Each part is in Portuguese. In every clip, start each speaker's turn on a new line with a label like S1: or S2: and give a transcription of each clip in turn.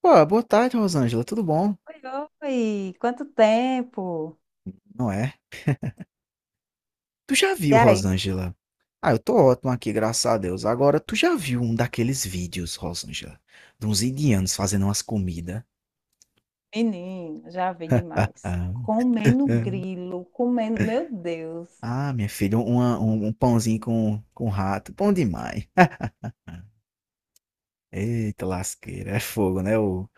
S1: Pô, boa tarde, Rosângela, tudo bom?
S2: Oi, oi! Quanto tempo?
S1: Não é? Tu já
S2: E
S1: viu,
S2: aí?
S1: Rosângela? Ah, eu tô ótimo aqui, graças a Deus. Agora, tu já viu um daqueles vídeos, Rosângela, de uns indianos fazendo umas comidas?
S2: Menino, já vi
S1: Ah,
S2: demais. Comendo
S1: é.
S2: grilo, comendo. Meu Deus!
S1: Ah, minha filha, um pãozinho com rato, bom demais. Eita, lasqueira, é fogo, né? O,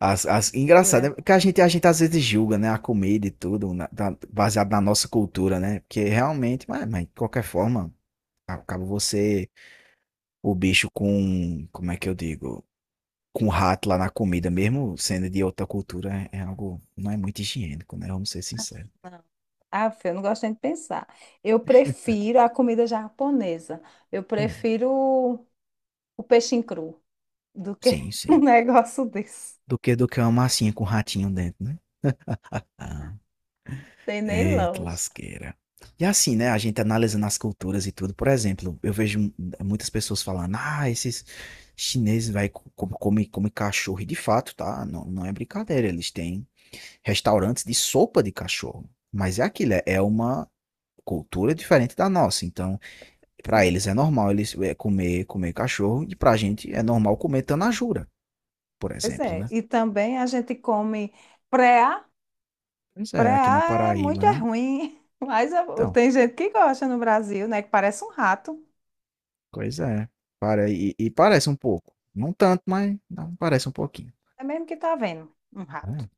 S1: as, as, Engraçado,
S2: Dura.
S1: né? Porque a gente às vezes julga, né? A comida e tudo, baseado na nossa cultura, né? Porque realmente, mas de qualquer forma, acaba você o bicho com, como é que eu digo? Com rato lá na comida, mesmo sendo de outra cultura, é algo, não é muito higiênico, né? Vamos ser sinceros.
S2: Não. Ah, filho, eu não gosto nem de pensar. Eu prefiro a comida japonesa. Eu
S1: Hum,
S2: prefiro o peixe cru do que
S1: sim,
S2: um
S1: sim.
S2: negócio desse.
S1: Do que uma massinha com ratinho dentro, né? Ah,
S2: Tem nem
S1: eita
S2: lógica.
S1: lasqueira. E assim, né? A gente analisando as culturas e tudo. Por exemplo, muitas pessoas falando, ah, esses chineses vai come cachorro. E de fato, tá? Não, é brincadeira. Eles têm restaurantes de sopa de cachorro. Mas é aquilo, é uma cultura diferente da nossa. Então, para eles é normal eles é, comer cachorro e para a gente é normal comer tanajura, por
S2: Pois
S1: exemplo,
S2: é.
S1: né?
S2: E também a gente come preá.
S1: Pois é, aqui na
S2: Preá é
S1: Paraíba,
S2: muito é
S1: né?
S2: ruim, mas
S1: Então,
S2: tem gente que gosta no Brasil, né? Que parece um rato.
S1: coisa é. Para, e parece um pouco. Não tanto, mas não, parece um pouquinho.
S2: É mesmo que tá vendo um rato.
S1: Né?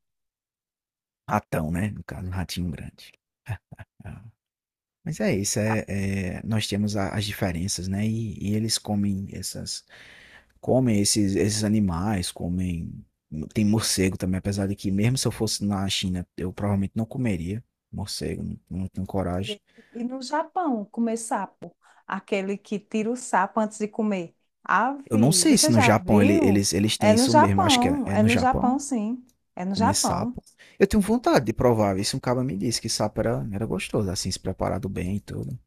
S1: Ratão, né? No caso, um ratinho grande. Ah, mas é isso, nós temos as diferenças, né? E eles comem essas, comem esses, esses animais, comem. Tem morcego também, apesar de que, mesmo se eu fosse na China, eu provavelmente não comeria morcego, não, não tenho coragem.
S2: E, e no Japão, comer sapo, aquele que tira o sapo antes de comer.
S1: Eu não
S2: Ave,
S1: sei se
S2: você
S1: no
S2: já
S1: Japão ele-
S2: viu?
S1: eles, eles têm isso mesmo, acho que é, é
S2: É
S1: no
S2: no Japão,
S1: Japão,
S2: sim. É no
S1: comer
S2: Japão.
S1: sapo. Eu tenho vontade de provar, isso um cara me disse que sapo era gostoso, assim, se preparado bem e tudo.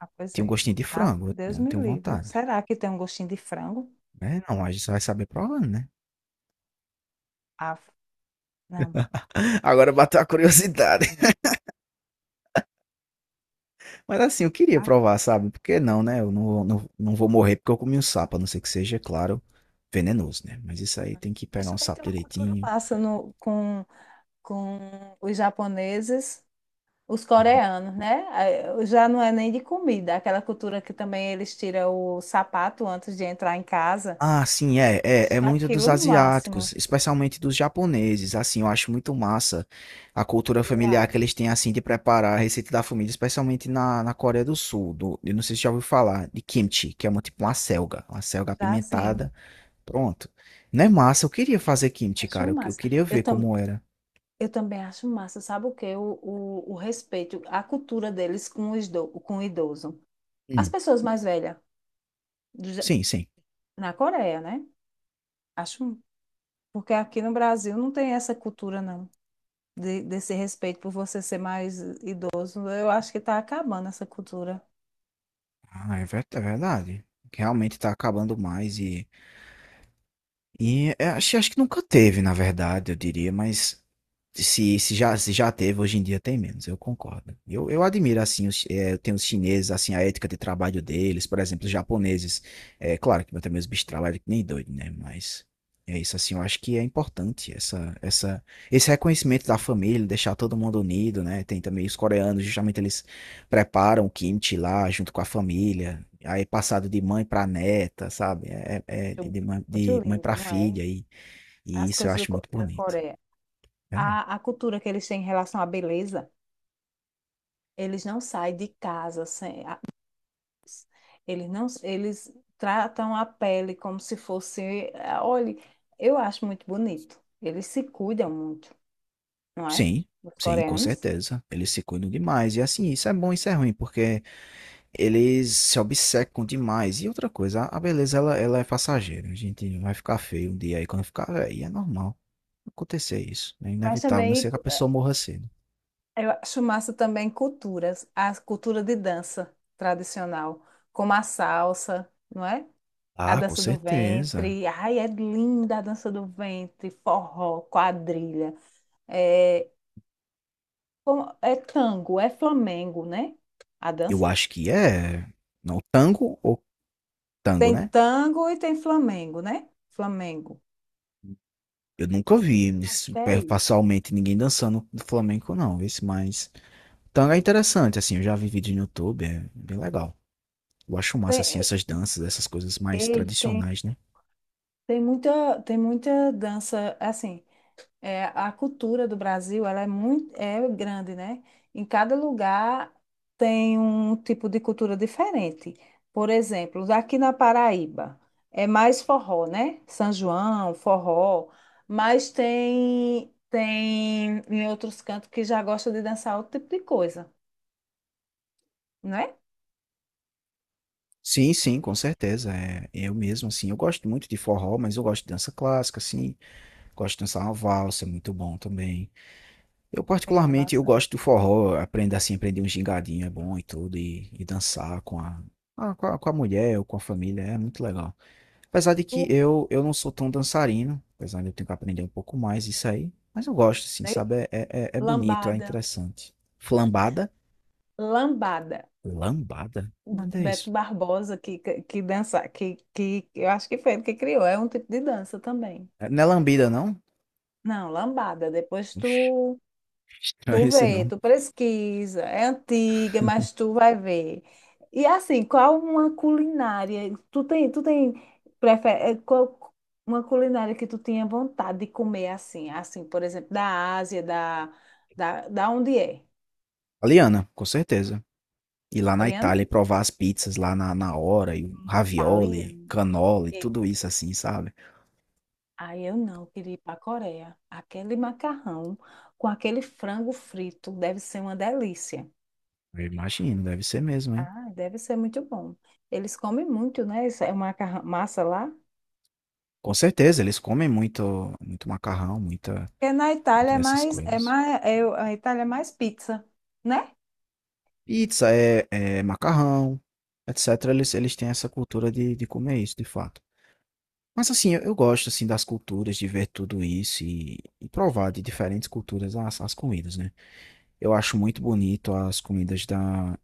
S2: Ah, pois
S1: Tinha um
S2: é.
S1: gostinho de
S2: Ah,
S1: frango,
S2: Deus
S1: eu
S2: me
S1: tenho
S2: livre.
S1: vontade.
S2: Será que tem um gostinho de frango?
S1: É, não, a gente só vai saber provando, né?
S2: Ah, não.
S1: Agora bateu a curiosidade. Mas assim, eu queria
S2: Ah,
S1: provar, sabe? Porque não, né? Eu não vou morrer porque eu comi um sapo, a não ser que seja, claro, venenoso, né? Mas isso aí tem que
S2: mas
S1: pegar um
S2: também
S1: sapo
S2: tem uma cultura
S1: direitinho.
S2: massa no, com os japoneses. Os
S1: Uhum.
S2: coreanos, né? Já não é nem de comida, aquela cultura que também eles tiram o sapato antes de entrar em casa.
S1: Ah, sim,
S2: Acho
S1: é muito
S2: aquilo
S1: dos
S2: o máximo,
S1: asiáticos, especialmente dos japoneses. Assim, eu acho muito massa a cultura
S2: eu
S1: familiar que
S2: acho.
S1: eles têm, assim, de preparar a receita da família, especialmente na Coreia do Sul. Do, eu não sei se já ouviu falar de kimchi, que é uma, tipo uma selga
S2: Já sim,
S1: apimentada. Pronto. Não é massa? Eu queria fazer kimchi,
S2: acho
S1: cara. Eu
S2: massa.
S1: queria
S2: Eu,
S1: ver
S2: tam,
S1: como era.
S2: eu também acho massa, sabe o quê? O respeito, a cultura deles com com o idoso. As pessoas mais velhas, do Ja-
S1: Sim, sim.
S2: na Coreia, né? Acho, porque aqui no Brasil não tem essa cultura, não, desse respeito por você ser mais idoso. Eu acho que está acabando essa cultura.
S1: Ah, é verdade. Realmente tá acabando mais e é, acho que nunca teve, na verdade, eu diria, mas se, se já teve, hoje em dia tem menos, eu concordo. Eu admiro, assim, os, eu tenho os chineses, assim, a ética de trabalho deles, por exemplo, os japoneses. É claro que também os bichos trabalham que nem doido, né? Mas é isso, assim, eu acho que é importante esse reconhecimento da família, deixar todo mundo unido, né? Tem também os coreanos, justamente eles preparam o kimchi lá junto com a família, aí passado de mãe para neta, sabe? É, é
S2: Muito muito
S1: de mãe para
S2: lindo, não é?
S1: filha, e
S2: As
S1: isso eu
S2: coisas
S1: acho muito
S2: Da
S1: bonito.
S2: Coreia.
S1: É,
S2: A cultura que eles têm em relação à beleza, eles não saem de casa sem. A- Eles não, eles tratam a pele como se fosse. Ah, olhe, eu acho muito bonito. Eles se cuidam muito, não é?
S1: sim,
S2: Os
S1: sim, com
S2: coreanos.
S1: certeza. Eles se cuidam demais. E assim, isso é bom, isso é ruim, porque eles se obcecam demais. E outra coisa, a beleza, ela é passageira. A gente vai ficar feio um dia aí, quando ficar velho, é normal acontecer isso. É
S2: Mas
S1: inevitável, a não ser
S2: também
S1: que a pessoa morra cedo.
S2: eu acho massa também culturas, a cultura de dança tradicional, como a salsa, não é? A
S1: Ah, com
S2: dança do
S1: certeza.
S2: ventre, ai, é linda a dança do ventre, forró, quadrilha, é, é tango, é flamengo, né? A
S1: Eu
S2: dança?
S1: acho que é. Não, tango,
S2: Tem
S1: né?
S2: tango e tem flamengo, né? Flamengo.
S1: Eu nunca vi
S2: Acho
S1: isso,
S2: que é
S1: é,
S2: isso.
S1: pessoalmente ninguém dançando do flamenco, não. Esse, mas tango é interessante, assim. Eu já vi vídeo no YouTube, é bem legal. Eu acho massa, assim,
S2: Tem,
S1: essas danças, essas coisas mais
S2: ei, tem,
S1: tradicionais, né?
S2: tem muita dança, assim. É, a cultura do Brasil, ela é grande, né? Em cada lugar tem um tipo de cultura diferente. Por exemplo, aqui na Paraíba é mais forró, né? São João, forró, mas tem em outros cantos que já gosta de dançar outro tipo de coisa, né?
S1: Sim, sim, com certeza. É, eu mesmo, assim, eu gosto muito de forró, mas eu gosto de dança clássica, assim. Gosto de dançar uma valsa, é muito bom também. Eu,
S2: É, a
S1: particularmente, eu
S2: nossa.
S1: gosto do forró, aprender um gingadinho é bom e tudo, e dançar com a, ah, com a mulher ou com a família, é muito legal. Apesar de que
S2: Tu-
S1: eu não sou tão dançarino, apesar de eu ter que aprender um pouco mais isso aí, mas eu gosto, assim,
S2: né?
S1: sabe? É bonito, é
S2: Lambada,
S1: interessante. Flambada?
S2: lambada.
S1: Lambada?
S2: O
S1: Nada é isso.
S2: Beto Barbosa que dança, que eu acho que foi ele que criou, é um tipo de dança também.
S1: É- Não é lambida, não?
S2: Não, lambada. Depois
S1: Oxi, não é
S2: tu
S1: esse
S2: vê,
S1: não.
S2: tu pesquisa. É antiga, mas tu vai ver. E assim, qual uma culinária? Tu tem qual uma culinária que tu tinha vontade de comer assim? Assim, por exemplo, da Ásia, da onde é?
S1: Aliana, com certeza. Ir lá na
S2: Coreana?
S1: Itália e provar as pizzas lá na hora, e o
S2: Hum.
S1: ravioli,
S2: Italiana?
S1: canola e
S2: E-
S1: tudo isso assim, sabe?
S2: Aí eu não, eu queria ir para a Coreia. Aquele macarrão com aquele frango frito deve ser uma delícia.
S1: Eu imagino. Deve ser mesmo, hein?
S2: Ah, deve ser muito bom. Eles comem muito, né? Isso é uma massa lá.
S1: Com certeza, eles comem muito, muito macarrão, muita,
S2: Porque na
S1: muito
S2: Itália
S1: dessas
S2: é
S1: coisas.
S2: mais, é, a Itália é mais pizza, né?
S1: Pizza é macarrão, etc. Eles têm essa cultura de comer isso, de fato. Mas assim, eu gosto assim das culturas, de ver tudo isso e provar de diferentes culturas as, as comidas, né? Eu acho muito bonito as comidas da,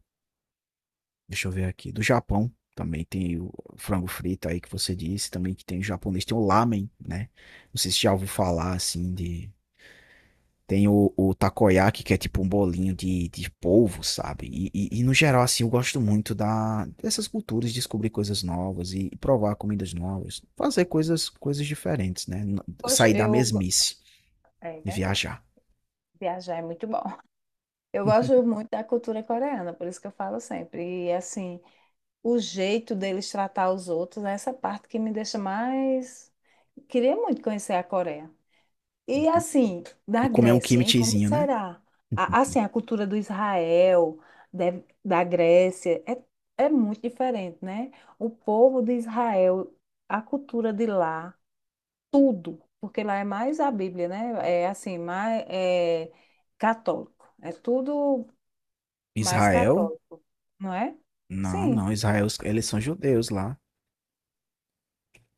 S1: deixa eu ver aqui, do Japão. Também tem o frango frito aí que você disse, também que tem o japonês, tem o lamen, né? Não sei se já ouviu falar assim de tem o takoyaki, que é tipo um bolinho de polvo, sabe? No geral, assim, eu gosto muito da, dessas culturas, descobrir coisas novas e, provar comidas novas, fazer coisas, coisas diferentes, né?
S2: Poxa,
S1: Sair da
S2: eu,
S1: mesmice
S2: é
S1: e
S2: verdade.
S1: viajar.
S2: Viajar é muito bom. Eu gosto muito da cultura coreana, por isso que eu falo sempre. E assim, o jeito deles tratar os outros é essa parte que me deixa mais. Queria muito conhecer a Coreia. E
S1: Uhum.
S2: assim, da
S1: E comer um
S2: Grécia, hein? Como
S1: kimchizinho, né?
S2: será?
S1: Uhum.
S2: Assim, a cultura do Israel, da Grécia, é, é muito diferente, né? O povo de Israel, a cultura de lá, tudo, porque lá é mais a Bíblia, né? É assim, mais é católico. É tudo mais
S1: Israel?
S2: católico, não é?
S1: Não, não,
S2: Sim,
S1: Israel, eles são judeus lá.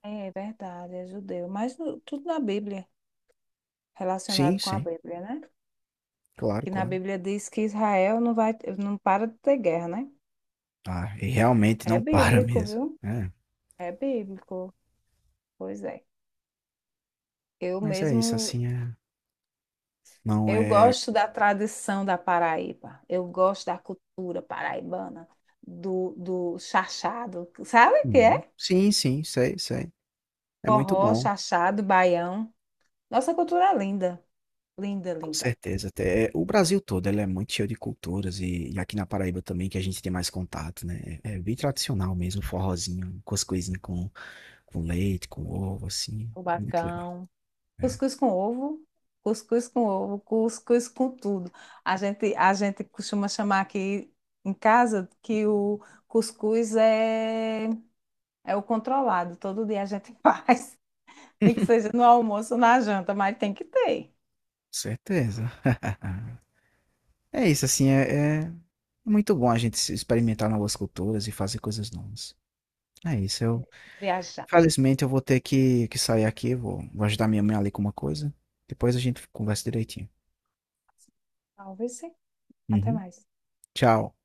S2: é verdade, é judeu, mas tudo na Bíblia,
S1: Sim,
S2: relacionado com a
S1: sim,
S2: Bíblia, né?
S1: claro,
S2: Que na
S1: claro.
S2: Bíblia diz que Israel não para de ter guerra, né?
S1: Ah, e realmente
S2: É
S1: não para
S2: bíblico,
S1: mesmo.
S2: viu?
S1: É,
S2: É bíblico. Pois é. Eu
S1: mas é isso,
S2: mesmo,
S1: assim, é, não
S2: eu
S1: é.
S2: gosto da tradição da Paraíba. Eu gosto da cultura paraibana, do chachado. Sabe o que
S1: Uhum.
S2: é?
S1: Sim, sim, sei, sei. É muito
S2: Forró,
S1: bom,
S2: chachado, baião. Nossa cultura é linda, linda,
S1: com
S2: linda.
S1: certeza. Até o Brasil todo, ele é muito cheio de culturas e aqui na Paraíba também que a gente tem mais contato, né? É bem tradicional mesmo, forrozinho, com as coisinhas com leite, com ovo, assim.
S2: O
S1: É muito legal.
S2: bacão.
S1: É, com
S2: Cuscuz com ovo, cuscuz com ovo, cuscuz com tudo. A gente costuma chamar aqui em casa que o cuscuz é o controlado. Todo dia a gente faz, nem que seja no almoço ou na janta, mas tem que ter.
S1: certeza. É isso, assim, é muito bom a gente se experimentar novas culturas e fazer coisas novas. É isso,
S2: É
S1: eu...
S2: isso. Viajar.
S1: Felizmente eu vou ter que sair aqui, vou, vou ajudar minha mãe ali com uma coisa. Depois a gente conversa direitinho.
S2: Talvez sim. Até
S1: Uhum.
S2: mais.
S1: Tchau.